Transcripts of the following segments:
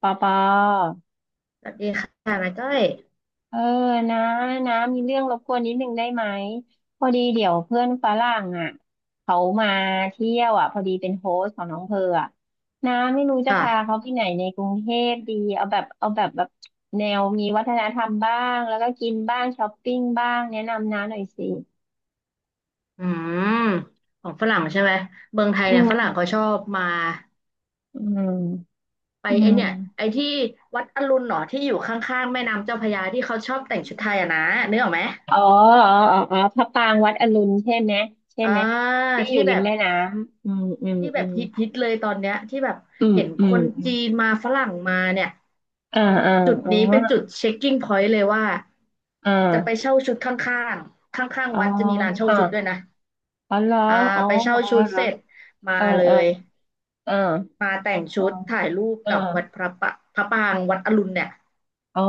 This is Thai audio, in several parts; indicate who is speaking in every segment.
Speaker 1: ปอปอ
Speaker 2: สวัสดีค่ะนาจ้อย
Speaker 1: เออนะนะมีเรื่องรบกวนนิดนึงได้ไหมพอดีเดี๋ยวเพื่อนฝรั่งอ่ะเขามาเที่ยวอ่ะพอดีเป็นโฮสต์ของน้องเพออ่ะนะไม่รู้จะพาเขา
Speaker 2: ค่ะ
Speaker 1: ที่ไหนในกรุงเทพดีเอาแบบแนวมีวัฒนธรรมบ้างแล้วก็กินบ้างช้อปปิ้งบ้างแนะนำนะหน่อยสิ
Speaker 2: อืมของฝรั่งใช่ไหมเมืองไทย
Speaker 1: อื
Speaker 2: เนี่ย
Speaker 1: ม
Speaker 2: ฝรั่งเขาชอบมา
Speaker 1: อืม
Speaker 2: ไป
Speaker 1: อื
Speaker 2: ไอ
Speaker 1: ม
Speaker 2: เนี่ยไอที่วัดอรุณหนอที่อยู่ข้างๆแม่น้ำเจ้าพระยาที่เขาชอบแต่งชุดไทยอะนะนึกออกไหม
Speaker 1: อ๋ออ๋ออ๋ออ๋อพระปรางวัดอรุณใช่ไหมใช่
Speaker 2: อ่า
Speaker 1: ไหมที่อ
Speaker 2: ที่
Speaker 1: ยู่ริ
Speaker 2: แบ
Speaker 1: ม
Speaker 2: บ
Speaker 1: แม่น้ำอืมอืม
Speaker 2: ที่แบ
Speaker 1: อื
Speaker 2: บ
Speaker 1: ม
Speaker 2: ฮิตฮิตเลยตอนเนี้ยที่แบบ
Speaker 1: อืม
Speaker 2: เห็น
Speaker 1: อื
Speaker 2: ค
Speaker 1: ม
Speaker 2: นจีนมาฝรั่งมาเนี่ย
Speaker 1: อ่าอ่า
Speaker 2: จุด
Speaker 1: อ๋อ
Speaker 2: นี้เป็นจุดเช็คกิ้งพอยต์เลยว่า
Speaker 1: อ่า
Speaker 2: จะไปเช่าชุดข้างๆข้าง
Speaker 1: อ๋อ
Speaker 2: ๆวัดจะมีร้านเช่า
Speaker 1: อ่า
Speaker 2: ชุดด้วยนะ
Speaker 1: อ๋อเหรอ
Speaker 2: อ่า
Speaker 1: อ๋อ
Speaker 2: ไปเช่า
Speaker 1: อ๋อ
Speaker 2: ชุด
Speaker 1: เหร
Speaker 2: เส
Speaker 1: อ
Speaker 2: ร็จมา
Speaker 1: เออ
Speaker 2: เล
Speaker 1: เออ
Speaker 2: ย
Speaker 1: เออ
Speaker 2: มาแต่ง
Speaker 1: อ๋อ
Speaker 2: ชุดถ่ายรูป
Speaker 1: เออ
Speaker 2: กับวัดพระปางวัดอรุณเนี่ย
Speaker 1: อ๋อ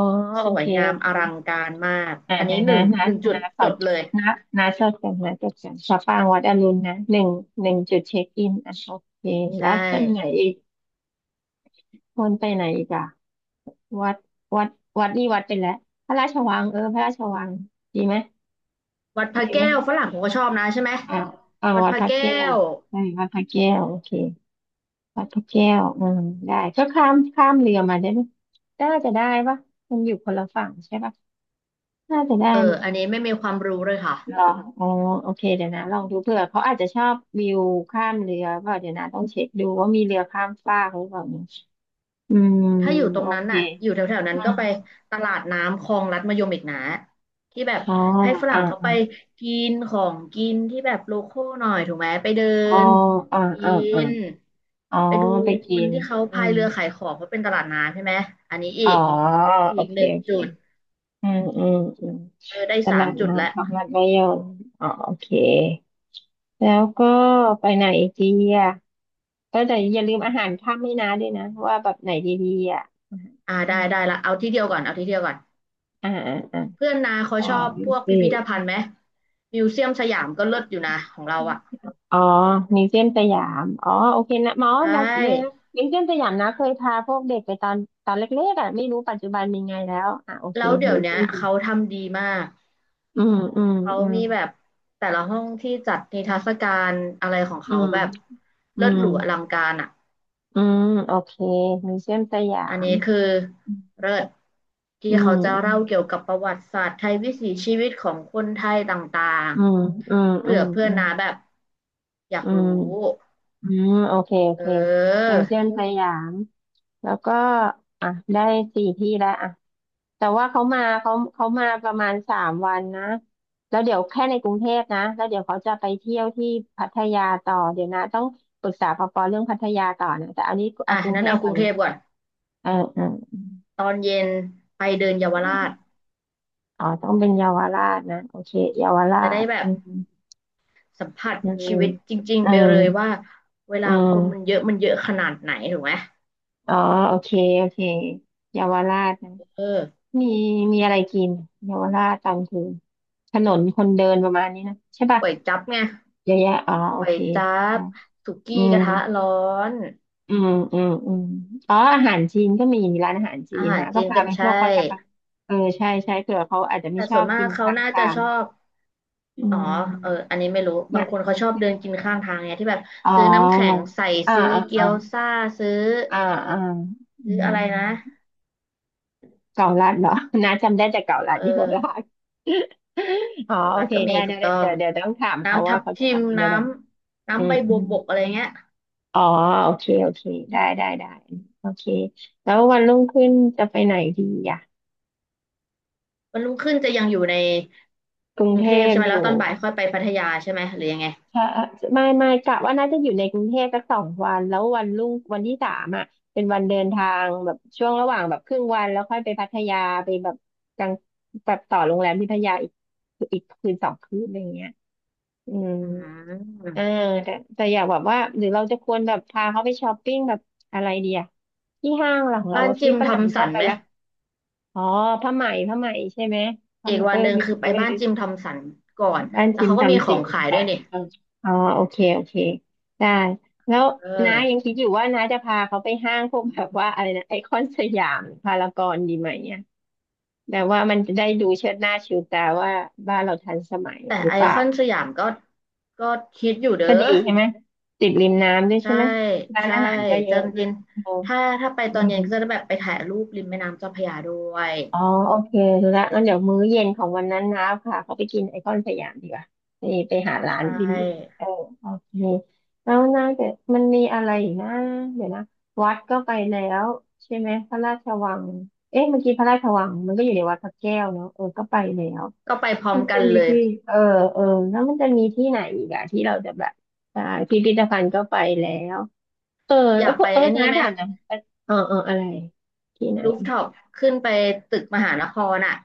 Speaker 2: ส
Speaker 1: โอ
Speaker 2: ว
Speaker 1: เค
Speaker 2: ยงา
Speaker 1: โอ
Speaker 2: ม
Speaker 1: เค
Speaker 2: อลังการมาก
Speaker 1: อ่า
Speaker 2: อัน
Speaker 1: เดี๋
Speaker 2: นี้
Speaker 1: ยว
Speaker 2: ห
Speaker 1: นะ
Speaker 2: นึ่ง
Speaker 1: นะ
Speaker 2: หนึ่งจุด
Speaker 1: นะขอ
Speaker 2: จดเลย
Speaker 1: นะนะจดกันนะจดกันสะปางวัดอรุณนะหนึ่งหนึ่งจุดเช็คอินอ่ะโอเค
Speaker 2: ใช
Speaker 1: แล้วต้นไหน
Speaker 2: ่
Speaker 1: อีกคนไปไหนอีกอ่ะวัดวัดวัดนี่วัดไปแล้วพระราชวังเออพระราชวังดีไหม
Speaker 2: วัดพ
Speaker 1: ดี
Speaker 2: ระ
Speaker 1: ไหม
Speaker 2: แก้วฝรั่งผมก็ชอบนะใช่ไหม
Speaker 1: อ่าอ่า
Speaker 2: วัด
Speaker 1: วั
Speaker 2: พ
Speaker 1: ดพ
Speaker 2: ระ
Speaker 1: ระ
Speaker 2: แก้
Speaker 1: แก้ว
Speaker 2: ว
Speaker 1: ใช่วัดพระแก้วโอเค วัดพรแก้วอืมได้ก็ข้ามข้ามเรือมาได้ไหมน่าจะได้ปะมันอยู่คนละฝั่งใช่ปะน่าจะได้
Speaker 2: เอ
Speaker 1: ไหม
Speaker 2: ออันนี้ไม่มีความรู้เลยค่ะ
Speaker 1: เหรออ๋อโอเคเดี๋ยวนะลองดูเผื่อเขาอาจจะชอบวิวข้ามเรือเปล่าเดี๋ยวนะต้องเช็คดูว่ามีเรือข้ามฟากหรือเปล่าเนี่ยอืม
Speaker 2: ถ้าอยู่ตรง
Speaker 1: โอ
Speaker 2: นั้น
Speaker 1: เค
Speaker 2: น่ะอยู่แถวๆนั้
Speaker 1: อื
Speaker 2: นก็
Speaker 1: ม
Speaker 2: ไปตลาดน้ำคลองลัดมะยมอีกนะที่แบบ
Speaker 1: อ๋อ
Speaker 2: ให้ฝ
Speaker 1: อ่า
Speaker 2: รั่งเขา
Speaker 1: อ่า
Speaker 2: ไปกินของกินที่แบบโลคอลหน่อยถูกไหมไปเดิ
Speaker 1: อ๋อ
Speaker 2: น
Speaker 1: อ่า
Speaker 2: กิ
Speaker 1: อ่าอ่า
Speaker 2: น
Speaker 1: อ๋อ
Speaker 2: ไปดู
Speaker 1: ไป
Speaker 2: ค
Speaker 1: กิ
Speaker 2: น
Speaker 1: น
Speaker 2: ที่เขา
Speaker 1: อื
Speaker 2: พาย
Speaker 1: ม
Speaker 2: เรือขายของเพราะเป็นตลาดน้ำใช่ไหมอันนี้อี
Speaker 1: อ๋อ
Speaker 2: กอี
Speaker 1: โอ
Speaker 2: ก
Speaker 1: เค
Speaker 2: หนึ่ง
Speaker 1: โอเค
Speaker 2: จุด
Speaker 1: อืมอืมอืม
Speaker 2: เออได้
Speaker 1: ต
Speaker 2: สา
Speaker 1: ลา
Speaker 2: ม
Speaker 1: ด
Speaker 2: จุดแล้ว
Speaker 1: น้ำของมัดระยองอ๋อโอเค แล้วก็ไปไหนอีกดีอ่ะก็แต่อย่าลืมอาหารค่ำให้นะด้วยนะว่าแบบไหนดีๆอ่ะ
Speaker 2: อ่าได้ได้ละเอาที่เดียวก่อนเอาที่เดียวก่อน
Speaker 1: อ่าอ่าอ่า
Speaker 2: เพื่อนนาเขา
Speaker 1: อ่า
Speaker 2: ชอบ
Speaker 1: ม
Speaker 2: พวก
Speaker 1: สี
Speaker 2: พิ
Speaker 1: ย
Speaker 2: พิธภัณฑ์ไหมมิวเซียมสยามก็เลิศอยู่นะของเรา
Speaker 1: ม
Speaker 2: อ่ะ
Speaker 1: อ๋อมิวเซียมสยามอ๋อโอเคนะหมอ
Speaker 2: ใช่
Speaker 1: นะเนอะมิวเซียมสยามนะเคยพาพวกเด็กไปตอนตอนเล็กๆอ่ะไม่รู้ปัจจุบันเป็นไงแล้วอ่ะโอเค
Speaker 2: แล้วเดี๋ย
Speaker 1: มิ
Speaker 2: ว
Speaker 1: ว
Speaker 2: เนี้
Speaker 1: เซีย
Speaker 2: ย
Speaker 1: มสยา
Speaker 2: เขา
Speaker 1: ม
Speaker 2: ทำดีมาก
Speaker 1: อืมอืม
Speaker 2: เขา
Speaker 1: อืม
Speaker 2: มีแบบแต่ละห้องที่จัดนิทรรศการอะไรของ
Speaker 1: อื
Speaker 2: เขา
Speaker 1: ม
Speaker 2: แบบ
Speaker 1: อื
Speaker 2: เลิศ
Speaker 1: ม
Speaker 2: หรูอลังการอ่ะ
Speaker 1: อืมโอเคมิวเซียมสยา
Speaker 2: อัน
Speaker 1: ม
Speaker 2: นี้คือเลิศที่
Speaker 1: อืม
Speaker 2: เขาจะเล่าเกี่ยวกับประวัติศาสตร์ไทยวิถีชีวิตของคนไทยต่าง
Speaker 1: อืมอืม
Speaker 2: ๆ
Speaker 1: อื
Speaker 2: เผื่อ
Speaker 1: ม
Speaker 2: เพื่อ
Speaker 1: อื
Speaker 2: น
Speaker 1: ม
Speaker 2: นะแบบอยาก
Speaker 1: อื
Speaker 2: รู้
Speaker 1: มอืม อืมโอเคโอ
Speaker 2: เ
Speaker 1: เค
Speaker 2: ออ
Speaker 1: มิวเซียมสยามแล้วก็อ่ะได้4 ที่แล้วอ่ะแต่ว่าเขามาประมาณ3 วันนะแล้วเดี๋ยวแค่ในกรุงเทพนะแล้วเดี๋ยวเขาจะไปเที่ยวที่พัทยาต่อเดี๋ยวนะต้องปรึกษาปปเรื่องพัทยาต่อนะแต่อันนี้
Speaker 2: อ่ะ
Speaker 1: เอากรุง
Speaker 2: นั้
Speaker 1: เท
Speaker 2: น
Speaker 1: พ
Speaker 2: เอาก
Speaker 1: ก่อ
Speaker 2: รุ
Speaker 1: น
Speaker 2: งเท
Speaker 1: นะ
Speaker 2: พก่อน
Speaker 1: เออเออ
Speaker 2: ตอนเย็นไปเดินเยาวราช
Speaker 1: อ๋อต้องเป็นเยาวราชนะโอเคเยาวรา
Speaker 2: จะได้
Speaker 1: ช
Speaker 2: แบ
Speaker 1: อื
Speaker 2: บ
Speaker 1: ม
Speaker 2: สัมผัส
Speaker 1: อืม
Speaker 2: ชีวิตจริง
Speaker 1: อื
Speaker 2: ๆไป
Speaker 1: ม
Speaker 2: เลยว่าเว
Speaker 1: อื
Speaker 2: ลาคนมันเย
Speaker 1: ม
Speaker 2: อะมันเยอะขนาดไหนถูกไหม
Speaker 1: อ๋อโอเคโอเคเยาวราชนะ
Speaker 2: เออ
Speaker 1: มีมีอะไรกินเยาวราชตอนคืนถนนคนเดินประมาณนี้นะใช่ป่ะ
Speaker 2: ก๋วยจั๊บไง
Speaker 1: เยอะแยะอ๋อโอ
Speaker 2: ก๋ว
Speaker 1: เค
Speaker 2: ยจั๊
Speaker 1: ได้
Speaker 2: บสุ
Speaker 1: อื
Speaker 2: กี้ก
Speaker 1: ม
Speaker 2: ระทะร้อน
Speaker 1: อืมอืมอืมอ๋ออาหารจีนก็มีร้านอาหารจี
Speaker 2: อา
Speaker 1: น
Speaker 2: หาร
Speaker 1: นะก็
Speaker 2: จีน
Speaker 1: พา
Speaker 2: ก็
Speaker 1: ไป
Speaker 2: ไม่
Speaker 1: พ
Speaker 2: ใช่
Speaker 1: วกวัดกะเพราเออใช่ใช่เผื่อเขาอาจจะไม่
Speaker 2: แต่
Speaker 1: ช
Speaker 2: ส่
Speaker 1: อ
Speaker 2: ว
Speaker 1: บ
Speaker 2: นมา
Speaker 1: กิ
Speaker 2: ก
Speaker 1: น
Speaker 2: เขา
Speaker 1: ข้าง
Speaker 2: น่า
Speaker 1: ทา
Speaker 2: จะ
Speaker 1: ง
Speaker 2: ชอบ
Speaker 1: อื
Speaker 2: อ๋อเออ
Speaker 1: ม
Speaker 2: อันนี้ไม่รู้บาง
Speaker 1: นะ
Speaker 2: คนเขาชอบเดินกินข้างทางเนี่ยที่แบบ
Speaker 1: อ๋อ
Speaker 2: ซื้อน้ำแข็งใส่
Speaker 1: อ่า
Speaker 2: ซื้อ
Speaker 1: อ่า
Speaker 2: เกี๊
Speaker 1: อ่า
Speaker 2: ยวซ่าซื้อ
Speaker 1: อ่าอ่าอื
Speaker 2: ซื้ออะไร
Speaker 1: ม
Speaker 2: นะ
Speaker 1: เก่าลัดเหรอ นะจำได้แต่เก่าลัด
Speaker 2: เอ
Speaker 1: เยาวรา
Speaker 2: อ
Speaker 1: ช อ๋อ
Speaker 2: เกา
Speaker 1: โอ
Speaker 2: ลัด
Speaker 1: เค
Speaker 2: ก็มี
Speaker 1: ได้
Speaker 2: ถู
Speaker 1: นะ
Speaker 2: ก
Speaker 1: ด
Speaker 2: ต้อง
Speaker 1: เดี๋ยวเดี๋ยวต้องถามเขา
Speaker 2: น้ำทั
Speaker 1: ว่า
Speaker 2: บ
Speaker 1: เขาจะ
Speaker 2: ทิ
Speaker 1: อยา
Speaker 2: ม
Speaker 1: กกิน
Speaker 2: น้
Speaker 1: อะไร
Speaker 2: ำ
Speaker 1: อื
Speaker 2: น้ำใบ
Speaker 1: มอื
Speaker 2: บัว
Speaker 1: ม
Speaker 2: บกอะไรเงี้ย
Speaker 1: อ๋อ โอเค โอเค ได้ ได้ได้โอเค แล้ววันรุ่งขึ้นจะไปไหนดีอ่ะ
Speaker 2: วันรุ่งขึ้นจะยังอยู่ใน
Speaker 1: กรุ
Speaker 2: ก
Speaker 1: ง
Speaker 2: รุง
Speaker 1: เท
Speaker 2: เทพ
Speaker 1: พ
Speaker 2: ใช่ไหม
Speaker 1: อยู่
Speaker 2: แล้วตอนบ่ายค่อยไปพัทยาใช่ไหมหรือยังไง
Speaker 1: ถ้าไม่กะว่าน่าจะอยู่ในกรุงเทพสัก2 วันแล้ววันรุ่งวันที่ 3อ่ะเป็นวันเดินทางแบบช่วงระหว่างแบบครึ่งวันแล้วค่อยไปพัทยาไปแบบกลางแบบต่อโรงแรมที่พัทยาอีกอีกคืน2 คืนอะไรเงี้ยอืม
Speaker 2: อืม
Speaker 1: เออแต่อยากแบบว่าหรือเราจะควรแบบพาเขาไปช้อปปิ้งแบบอะไรดีอ่ะที่ห้างหลังเรา
Speaker 2: บ้าน
Speaker 1: อะ
Speaker 2: จิ
Speaker 1: พี่
Speaker 2: ม
Speaker 1: ฝ
Speaker 2: ทอ
Speaker 1: รั่ง
Speaker 2: ม
Speaker 1: ช
Speaker 2: สั
Speaker 1: อบ
Speaker 2: น
Speaker 1: ไป
Speaker 2: ไหม
Speaker 1: ละ อ๋อผ้าไหมผ้าไหมใช่ไหมผ้า
Speaker 2: อี
Speaker 1: ไห
Speaker 2: ก
Speaker 1: ม
Speaker 2: วั
Speaker 1: เอ
Speaker 2: น
Speaker 1: อ
Speaker 2: หนึ่ง
Speaker 1: มี
Speaker 2: คือไป
Speaker 1: มีไป
Speaker 2: บ้านจิมทอมสันก่อน
Speaker 1: บ้าน
Speaker 2: แล้ว
Speaker 1: ชิม
Speaker 2: เขาก็มีข
Speaker 1: ทำสิ
Speaker 2: อง
Speaker 1: น
Speaker 2: ขาย
Speaker 1: สา
Speaker 2: ด้วย
Speaker 1: น
Speaker 2: นี่
Speaker 1: เอออ๋อโอเคโอเคได้แล้ว
Speaker 2: เอ
Speaker 1: น้า
Speaker 2: อ
Speaker 1: ยังคิดอยู่ว่าน้าจะพาเขาไปห้างพวกแบบว่าอะไรนะไอคอนสยามพารากอนดีไหมเนี่ยแบบว่ามันจะได้ดูเชิดหน้าชูตาว่าบ้านเราทันสมัย
Speaker 2: แต่
Speaker 1: หรื
Speaker 2: ไอ
Speaker 1: อเปล่า
Speaker 2: คอนสยามก็ฮิตอยู่เด้
Speaker 1: ก็
Speaker 2: อ
Speaker 1: ดีใช่ไหมติดริมน้ำด้วยใช่
Speaker 2: ใช่
Speaker 1: ไหมร้าน
Speaker 2: ใช่
Speaker 1: อาหารก็เยอะ
Speaker 2: จำ
Speaker 1: นะ
Speaker 2: เย็น
Speaker 1: เออ
Speaker 2: ถ้าไปต
Speaker 1: อื
Speaker 2: อนเย็
Speaker 1: ม
Speaker 2: นก็จะแบบไปถ่ายรูปริมแม่น้ำเจ้าพระยาด้วย
Speaker 1: อ๋อโอเครู้ละงั้นเดี๋ยวมื้อเย็นของวันนั้นนะพาเขาไปกินไอคอนสยามดีกว่าไปไปหาร้าน
Speaker 2: ใช่
Speaker 1: บิมบิมเออโอเคแล้วน่าจะมันมีอะไรอีกนะเดี๋ยวนะวัดก็ไปแล้วใช่ไหมพระราชวังเอ๊ะเมื่อกี้พระราชวังมันก็อยู่ในวัดพระแก้วเนาะเออก็ไปแล้ว
Speaker 2: ก็ไปพร้อม
Speaker 1: มัน
Speaker 2: กั
Speaker 1: จะ
Speaker 2: น
Speaker 1: มี
Speaker 2: เลย
Speaker 1: ที่เออเออแล้วมันจะมีที่ไหนอีกอะที่เราจะแบบใช่พิพิธภัณฑ์ก็ไปแล้วเออ
Speaker 2: อ
Speaker 1: เอ
Speaker 2: ยา
Speaker 1: อ
Speaker 2: กไป
Speaker 1: เออ
Speaker 2: ไอ้นี่
Speaker 1: น้า
Speaker 2: ไหม
Speaker 1: ถามหนะเออเอออะไรที่ไหน
Speaker 2: รูฟท็อปขึ้นไปตึกมหานครอ่ะ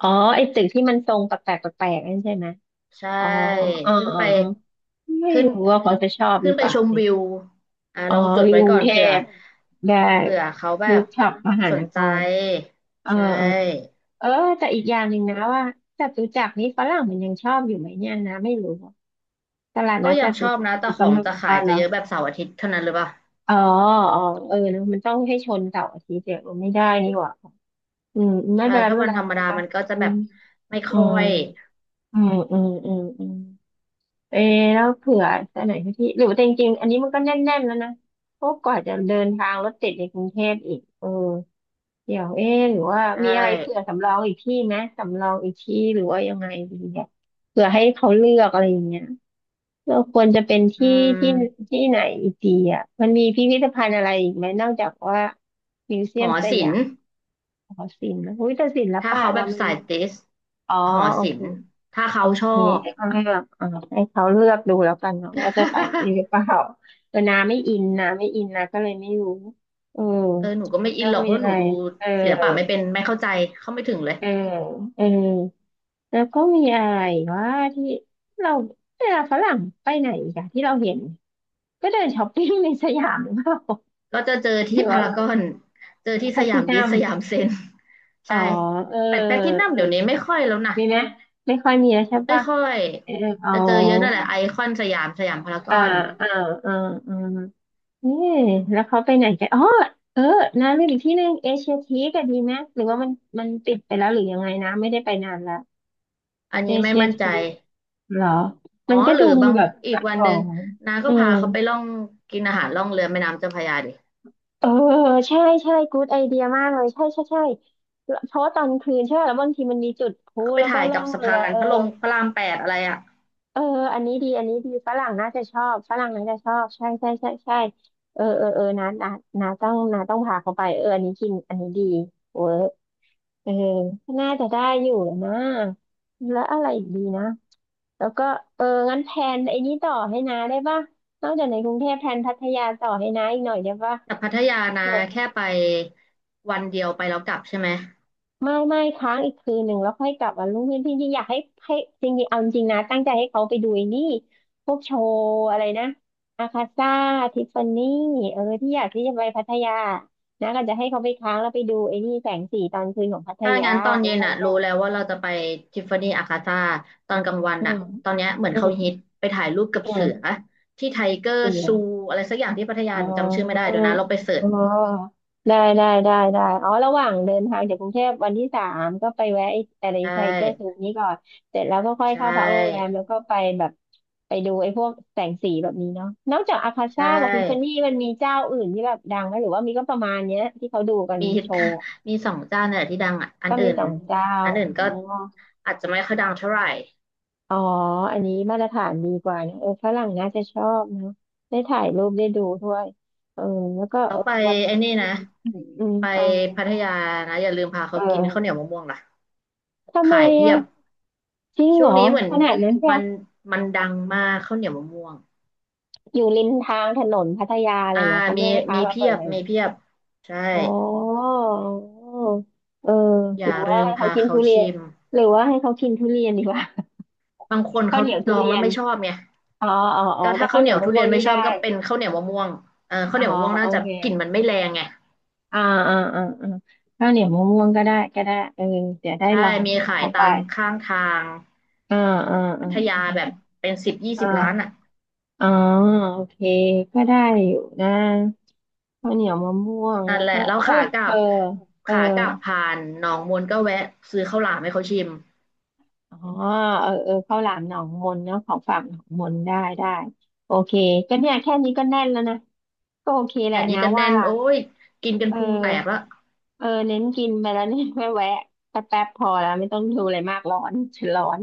Speaker 1: อ๋อไอ้ตึกที่มันทรงแปลกๆแปลกๆนั่นใช่ไหม
Speaker 2: ใช่
Speaker 1: อ๋อออ
Speaker 2: ขึ้น
Speaker 1: ออ
Speaker 2: ไป
Speaker 1: อ๋อไม่
Speaker 2: ขึ้น
Speaker 1: รู้ว่าเขาจะชอบห
Speaker 2: ขึ้
Speaker 1: รือ
Speaker 2: น
Speaker 1: เป
Speaker 2: ไป
Speaker 1: ล่า
Speaker 2: ชม
Speaker 1: ดิ
Speaker 2: วิวอ่า
Speaker 1: อ๋อ
Speaker 2: ลองจด
Speaker 1: วิว
Speaker 2: ไว้
Speaker 1: กรุ
Speaker 2: ก่อ
Speaker 1: ง
Speaker 2: น
Speaker 1: เท
Speaker 2: เผื่อ
Speaker 1: พได้
Speaker 2: เผื่อเขาแบ
Speaker 1: รู
Speaker 2: บ
Speaker 1: ปช็อปมหา
Speaker 2: ส
Speaker 1: น
Speaker 2: น
Speaker 1: ค
Speaker 2: ใจ
Speaker 1: รเออ
Speaker 2: ใช
Speaker 1: เออ
Speaker 2: ่
Speaker 1: เออแต่อีกอย่างหนึ่งนะว่าจตุจักรนี่ฝรั่งมันยังชอบอยู่ไหมเนี่ยนะไม่รู้อะตลาด
Speaker 2: ก็
Speaker 1: นัดจ
Speaker 2: ยังช
Speaker 1: ตุ
Speaker 2: อบ
Speaker 1: จัก
Speaker 2: นะ
Speaker 1: ร
Speaker 2: แต่
Speaker 1: มัน
Speaker 2: ข
Speaker 1: ก็
Speaker 2: อง
Speaker 1: ไม่
Speaker 2: จะขา
Speaker 1: อ๋อ
Speaker 2: ย
Speaker 1: เห
Speaker 2: จะ
Speaker 1: รอ
Speaker 2: เยอะแบบเสาร์อาทิตย์เท่านั้นหรือเปล่า
Speaker 1: อ๋ออ๋อเออเนอะมันต้องให้ชนเสาร์อาทิตย์เดี๋ยวไม่ได้นี่หว่าอืมไม่
Speaker 2: ใช่
Speaker 1: เป็นไร
Speaker 2: ถ้า
Speaker 1: ไม่เป็
Speaker 2: วั
Speaker 1: น
Speaker 2: น
Speaker 1: ไร
Speaker 2: ธรรมดา
Speaker 1: นะ
Speaker 2: มันก็จะ
Speaker 1: อื
Speaker 2: แบ
Speaker 1: ม
Speaker 2: บไม่
Speaker 1: อื
Speaker 2: ค่อ
Speaker 1: ม
Speaker 2: ย
Speaker 1: อืมอืมอืมอืม เออแล้วเผื่อจะไหนที่หรือว่าแต่จริงๆอันนี้มันก็แน่นๆแล้วนะเพราะกว่าจะเดินทางรถติดในกรุงเทพอีกเออเดี๋ยวเออหรือว่า
Speaker 2: ใช่
Speaker 1: มีอะไรเผื่อสำรองอีกที่ไหมสำรองอีกที่หรือว่ายังไงดีเนี่ยเผื่อให้เขาเลือกอะไรอย่างเงี้ยเราควรจะเป็น
Speaker 2: อื
Speaker 1: ที่ที่
Speaker 2: ม
Speaker 1: ที่ไหนอีกดีอ่ะมันมีพิพิธภัณฑ์อะไรอีกไหมนอกจากว่ามิวเซี
Speaker 2: ห
Speaker 1: ยม
Speaker 2: อ
Speaker 1: ส
Speaker 2: ศิ
Speaker 1: ยา
Speaker 2: ล
Speaker 1: ม
Speaker 2: ป์
Speaker 1: หอศิลป์นะอุ้ยแต่ศิล
Speaker 2: ถ้า
Speaker 1: ปะ
Speaker 2: เขาแบ
Speaker 1: เรา
Speaker 2: บ
Speaker 1: มัน
Speaker 2: สายติส
Speaker 1: อ๋อ
Speaker 2: หอ
Speaker 1: โอ
Speaker 2: ศิ
Speaker 1: เค
Speaker 2: ลป์ถ้า
Speaker 1: โอ
Speaker 2: เขาช
Speaker 1: เค
Speaker 2: อบ
Speaker 1: ก็เลือกให้เขาเลือกดูแล้วกันเนาะว่าจะใส่นี่หรือเปล่า เออนาไม่อินนาไม่อินนาก็เลยไม่รู้เออ
Speaker 2: เออหนูก็ไม่อิ
Speaker 1: แล้
Speaker 2: น
Speaker 1: ว
Speaker 2: หรอกเพ
Speaker 1: มี
Speaker 2: ราะ
Speaker 1: อะ
Speaker 2: หนู
Speaker 1: ไร
Speaker 2: ดู
Speaker 1: เออ
Speaker 2: ศิลปะไม่เป็นไม่เข้าใจเข้าไม่ถึงเลย
Speaker 1: เออเออแล้วก็มีอะไรว่าที่เราเวลาฝรั่งไปไหนอีกอะที่เราเห็นก็เดินช้อปปิ้งในสยามหรือเปล่า
Speaker 2: ก็จะเจอ
Speaker 1: ห
Speaker 2: ที่
Speaker 1: รือ
Speaker 2: พา
Speaker 1: ว่า
Speaker 2: รากอนเจอที่
Speaker 1: แพล
Speaker 2: ส
Speaker 1: ต
Speaker 2: ยา
Speaker 1: ติ
Speaker 2: มดิ
Speaker 1: นั
Speaker 2: ส
Speaker 1: ม
Speaker 2: สยามเซ็น
Speaker 1: อ๋อ
Speaker 2: ใช่
Speaker 1: เออ
Speaker 2: แต่แพลทินั
Speaker 1: เอ
Speaker 2: ม
Speaker 1: อ
Speaker 2: เดี๋ยวนี้ไม่ค่อยแล้วนะ
Speaker 1: มีไหมไม่ค่อยมีแล้วใช่
Speaker 2: ไม่
Speaker 1: ป่ะ
Speaker 2: ค่อย
Speaker 1: เอออ๋อ
Speaker 2: จะเจอเยอะนั่นแหละไอคอนสยามสยามพาราก
Speaker 1: อ่า
Speaker 2: อน
Speaker 1: อ่าอ่าอ่ เออแล้วเขาไปไหนกันอ๋อเออนะลืมอีกที่หนึ่งเอเชียทีก็ดีไหมหรือว่ามันมันปิดไปแล้วหรือยังไงนะไม่ได้ไปนานแล้ว
Speaker 2: อัน
Speaker 1: เอ
Speaker 2: นี้ไม่
Speaker 1: เชีย
Speaker 2: มั่นใจ
Speaker 1: ทีเหรอ
Speaker 2: อ๋อ
Speaker 1: มันก็
Speaker 2: หรื
Speaker 1: ดู
Speaker 2: อ
Speaker 1: มี
Speaker 2: บาง
Speaker 1: แบบ
Speaker 2: อีกวั
Speaker 1: ข
Speaker 2: น
Speaker 1: อ
Speaker 2: หนึ่ง
Speaker 1: ง
Speaker 2: นาก็
Speaker 1: อื
Speaker 2: พา
Speaker 1: ม
Speaker 2: เขาไปล่องกินอาหารล่องเรือแม่น้ำเจ้าพระยาดิ
Speaker 1: เออใช่ใช่กู๊ดไอเดียมากเลยใช่ใช่ใช่เพราะว่าตอนคืนใช่ไหมแล้วบางทีมันมีจุดพลุ
Speaker 2: แล้วก็ไป
Speaker 1: แล้วก็
Speaker 2: ถ่าย
Speaker 1: ล่อ
Speaker 2: กับ
Speaker 1: ง
Speaker 2: สะ
Speaker 1: เรือ
Speaker 2: พาน
Speaker 1: เออ
Speaker 2: พระลงพระรามแปดอะไรอะ
Speaker 1: เอออันนี้ดี อันนี้ดีฝรั่งน่าจะชอบฝรั่งน่าจะชอบ ใช่ใช่ใช่ใช่เออเออเออนะนะนะต้องนะต้องพาเขาไปเอออันนี้กิน อันนี้ดีเวิร์กเออน่าจะได้อยู่แล้วนะแล้วอะไรอีกดีนะ แล้วก็เอองั้นแพลนไอ้นี้ต่อให้นะได้ป่ะนอกจากในกรุงเทพแพลนพัทยาต่อให้นาอีกหน่อยได้ป่ะ
Speaker 2: แต่พัทยานาแค่ไปวันเดียวไปแล้วกลับใช่ไหม
Speaker 1: ไม่ไม่ค้างอีกคืนหนึ่งแล้วค่อยกลับวันรุ่งขึ้นจริงๆอยากให้ให้จริงๆเอาจริงๆนะตั้งใจให้เขาไปดูไอ้นี่พวกโชว์อะไรนะอาคาซ่าทิฟฟานี่เออที่อยากที่จะไปพัทยานะก็จะให้เขาไปค้างแล้วไปดูไอ้นี่แสงสีตอนคืนของพัท
Speaker 2: ถ้า
Speaker 1: ยา
Speaker 2: งั้นตอน
Speaker 1: แล้ว
Speaker 2: เย็น
Speaker 1: ค่อย
Speaker 2: อ่ะ
Speaker 1: กลั
Speaker 2: รู้แล้ว
Speaker 1: บ
Speaker 2: ว่าเราจะไปทิฟฟานี่อาคาซ่าตอนกลางวัน
Speaker 1: อื
Speaker 2: อ่ะ
Speaker 1: ม
Speaker 2: ตอนเนี้ยเหมือน
Speaker 1: อื
Speaker 2: เขา
Speaker 1: ม
Speaker 2: ฮิตไปถ่ายรูปกับ
Speaker 1: อื
Speaker 2: เสือ
Speaker 1: ม
Speaker 2: ที่ไทเกอร์ซู
Speaker 1: เออ
Speaker 2: อะไรสักอย่างที่พัทยา
Speaker 1: อ๋
Speaker 2: หนูจำชื่อไม่ได้
Speaker 1: อ
Speaker 2: เดี๋ยวนะลองไปเสิร์
Speaker 1: อ๋
Speaker 2: ช
Speaker 1: อ ได้ได้ได้ได้ อ๋อ ระหว่างเดินทางจากกรุงเทพวันที่สามก็ไปแวะไอ้อะไร
Speaker 2: ใช่
Speaker 1: ไทเกอร์ซูนี้ก่อนเสร็จแล้วก็ค่อย
Speaker 2: ใช
Speaker 1: เข้าพักโรงแรม
Speaker 2: ่
Speaker 1: แล้วก็ไปแบบไปดูไอ้พวกแสงสีแบบนี้เนาะนอกจากอาคา
Speaker 2: ใช
Speaker 1: ซ่ากับทิฟฟานี่
Speaker 2: ่
Speaker 1: มันมีเจ้าอื่นที่แบบดังไหมหรือว่ามีก็ประมาณเนี้ยที่เขาดูกัน
Speaker 2: มี
Speaker 1: โชว์
Speaker 2: มีสองเจ้าเนี่ยที่ดังอ่ะอัน
Speaker 1: ก็
Speaker 2: อื่
Speaker 1: มี
Speaker 2: น
Speaker 1: สองเจ้า
Speaker 2: ก็
Speaker 1: อ๋อ
Speaker 2: อาจจะไม่ค่อยดังเท่าไหร่
Speaker 1: อ๋ออันนี้มาตรฐานดีกว่านะเออฝรั่งน่าจะชอบเนอะได้ถ่ายรูปได้ดูด้วยเออแล้วก็
Speaker 2: เรา
Speaker 1: เออ
Speaker 2: ไป
Speaker 1: วัน
Speaker 2: ไอ้นี่นะ
Speaker 1: อืม
Speaker 2: ไป
Speaker 1: เอา
Speaker 2: พัทยานะอย่าลืมพา
Speaker 1: เ
Speaker 2: เขากินข้าวเหนี
Speaker 1: ออ
Speaker 2: ยวมะม่วงล่ะ
Speaker 1: ทำไม
Speaker 2: ขายเพีย
Speaker 1: อ่ะ
Speaker 2: บ
Speaker 1: จริง
Speaker 2: ช่
Speaker 1: เหร
Speaker 2: วง
Speaker 1: อ
Speaker 2: นี้เหมือน
Speaker 1: ขนาดนั้นเชีย
Speaker 2: มั
Speaker 1: ว
Speaker 2: นมันดังมากข้าวเหนียวมะม่วง
Speaker 1: อยู่ริมทางถนนพัทยาเล
Speaker 2: อ่า
Speaker 1: ยเหรอเขา
Speaker 2: มี
Speaker 1: ไม่ให้พา
Speaker 2: มี
Speaker 1: มา
Speaker 2: เพี
Speaker 1: เปิ
Speaker 2: ย
Speaker 1: ด
Speaker 2: บ
Speaker 1: เลยเหร
Speaker 2: มี
Speaker 1: อ
Speaker 2: เพียบใช่
Speaker 1: อ๋อเออ
Speaker 2: อ
Speaker 1: หรื
Speaker 2: ย่า
Speaker 1: อว่า
Speaker 2: ลืม
Speaker 1: ให้เขา
Speaker 2: พา
Speaker 1: กิน
Speaker 2: เขา
Speaker 1: ทุเรียน
Speaker 2: ชิม
Speaker 1: หรือว่าให้เขากินทุเรียนดีกว่า
Speaker 2: บางคน
Speaker 1: ข้าว
Speaker 2: เขา
Speaker 1: เหนียวทุ
Speaker 2: ลอง
Speaker 1: เรีย
Speaker 2: แล้ว
Speaker 1: น
Speaker 2: ไม่ชอบไง
Speaker 1: อ๋ออ๋ออ๋อ
Speaker 2: ก็
Speaker 1: แต่
Speaker 2: ถ้า
Speaker 1: ข้า
Speaker 2: ข้า
Speaker 1: ว
Speaker 2: ว
Speaker 1: เห
Speaker 2: เห
Speaker 1: นี
Speaker 2: นี
Speaker 1: ย
Speaker 2: ย
Speaker 1: ว
Speaker 2: ว
Speaker 1: มะ
Speaker 2: ทุ
Speaker 1: ม่
Speaker 2: เรี
Speaker 1: ว
Speaker 2: ย
Speaker 1: ง
Speaker 2: น
Speaker 1: นี่
Speaker 2: ไม่ชอ
Speaker 1: ได้
Speaker 2: บก็เป็นข้าวเหนียวมะม่วงเออข้าว
Speaker 1: อ๋
Speaker 2: เห
Speaker 1: อ
Speaker 2: นียวมะม่วง
Speaker 1: โอ
Speaker 2: น่าจะ
Speaker 1: เค
Speaker 2: กลิ่นมันไม่แรงไง
Speaker 1: อ่าอ่าอ่าอ่าข้าวเหนียวมะม่วงก็ได้ก็ได้เออเดี๋ยวได้ล
Speaker 2: ใช่
Speaker 1: อง
Speaker 2: มี
Speaker 1: พา
Speaker 2: ขาย
Speaker 1: เขาไป
Speaker 2: ตามข้างทาง
Speaker 1: อ่าอ่าอ่
Speaker 2: พัทยาแบบ
Speaker 1: า
Speaker 2: เป็นสิบยี่
Speaker 1: อ
Speaker 2: สิบร้านอ่ะ
Speaker 1: ่าอาอ๋อโอเคก็ได้อยู่นะ ข้าวเหนียวมะม่วง
Speaker 2: นั่
Speaker 1: แล้
Speaker 2: น
Speaker 1: ว
Speaker 2: แหละ
Speaker 1: ก็
Speaker 2: แล้ว
Speaker 1: เออ
Speaker 2: ขากลั
Speaker 1: เออ
Speaker 2: บ
Speaker 1: เออ
Speaker 2: ขากลับผ่านหนองมนก็แวะซื้อข้าวหลามให้เขาชิม
Speaker 1: อ๋อเออเออข้าวหลามหนองมนเนาะของฝากหนองมนได้ได้โอเคก็เนี่ยแค่นี้ก็แน่นแล้วนะก็โอเคแหละ
Speaker 2: แค่นี้
Speaker 1: นะ
Speaker 2: ก็
Speaker 1: ว่า
Speaker 2: แน่นโอ้ยกินกัน
Speaker 1: เอ
Speaker 2: พุงแตกแล้
Speaker 1: อ
Speaker 2: ว
Speaker 1: เออเน้นกินไปแล้วเนี่ยไม่แวะแป๊บแป๊บพอแล้วไม่ต้องดูอะไรมากร้อนฉันร้อน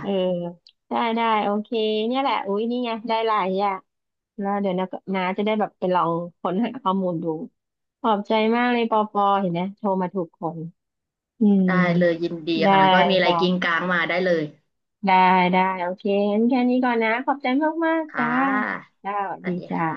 Speaker 1: เออได้ได้โอเคเนี่ยแหละอุ้ยนี่ไงได้หลายอย่างแล้วเดี๋ยวนะน้าจะได้แบบไปลองค้นหาข้อมูลดูขอบใจมากเลยปอปอเห็นไหมโทรมาถูกคน อืม
Speaker 2: ได้เลยยินดี
Speaker 1: ได้
Speaker 2: ค่ะก็มีอะไรกินงก
Speaker 1: ค่ะ
Speaker 2: ลางมาได้เลย
Speaker 1: ได้ได้โอเคงั้นแค่นี้ก่อนนะขอบใจมากมาก
Speaker 2: ค่
Speaker 1: จ้า
Speaker 2: ะ
Speaker 1: จ้าสวั
Speaker 2: ส
Speaker 1: ส
Speaker 2: วั
Speaker 1: ดี
Speaker 2: สดี
Speaker 1: จ้า
Speaker 2: ค่ะ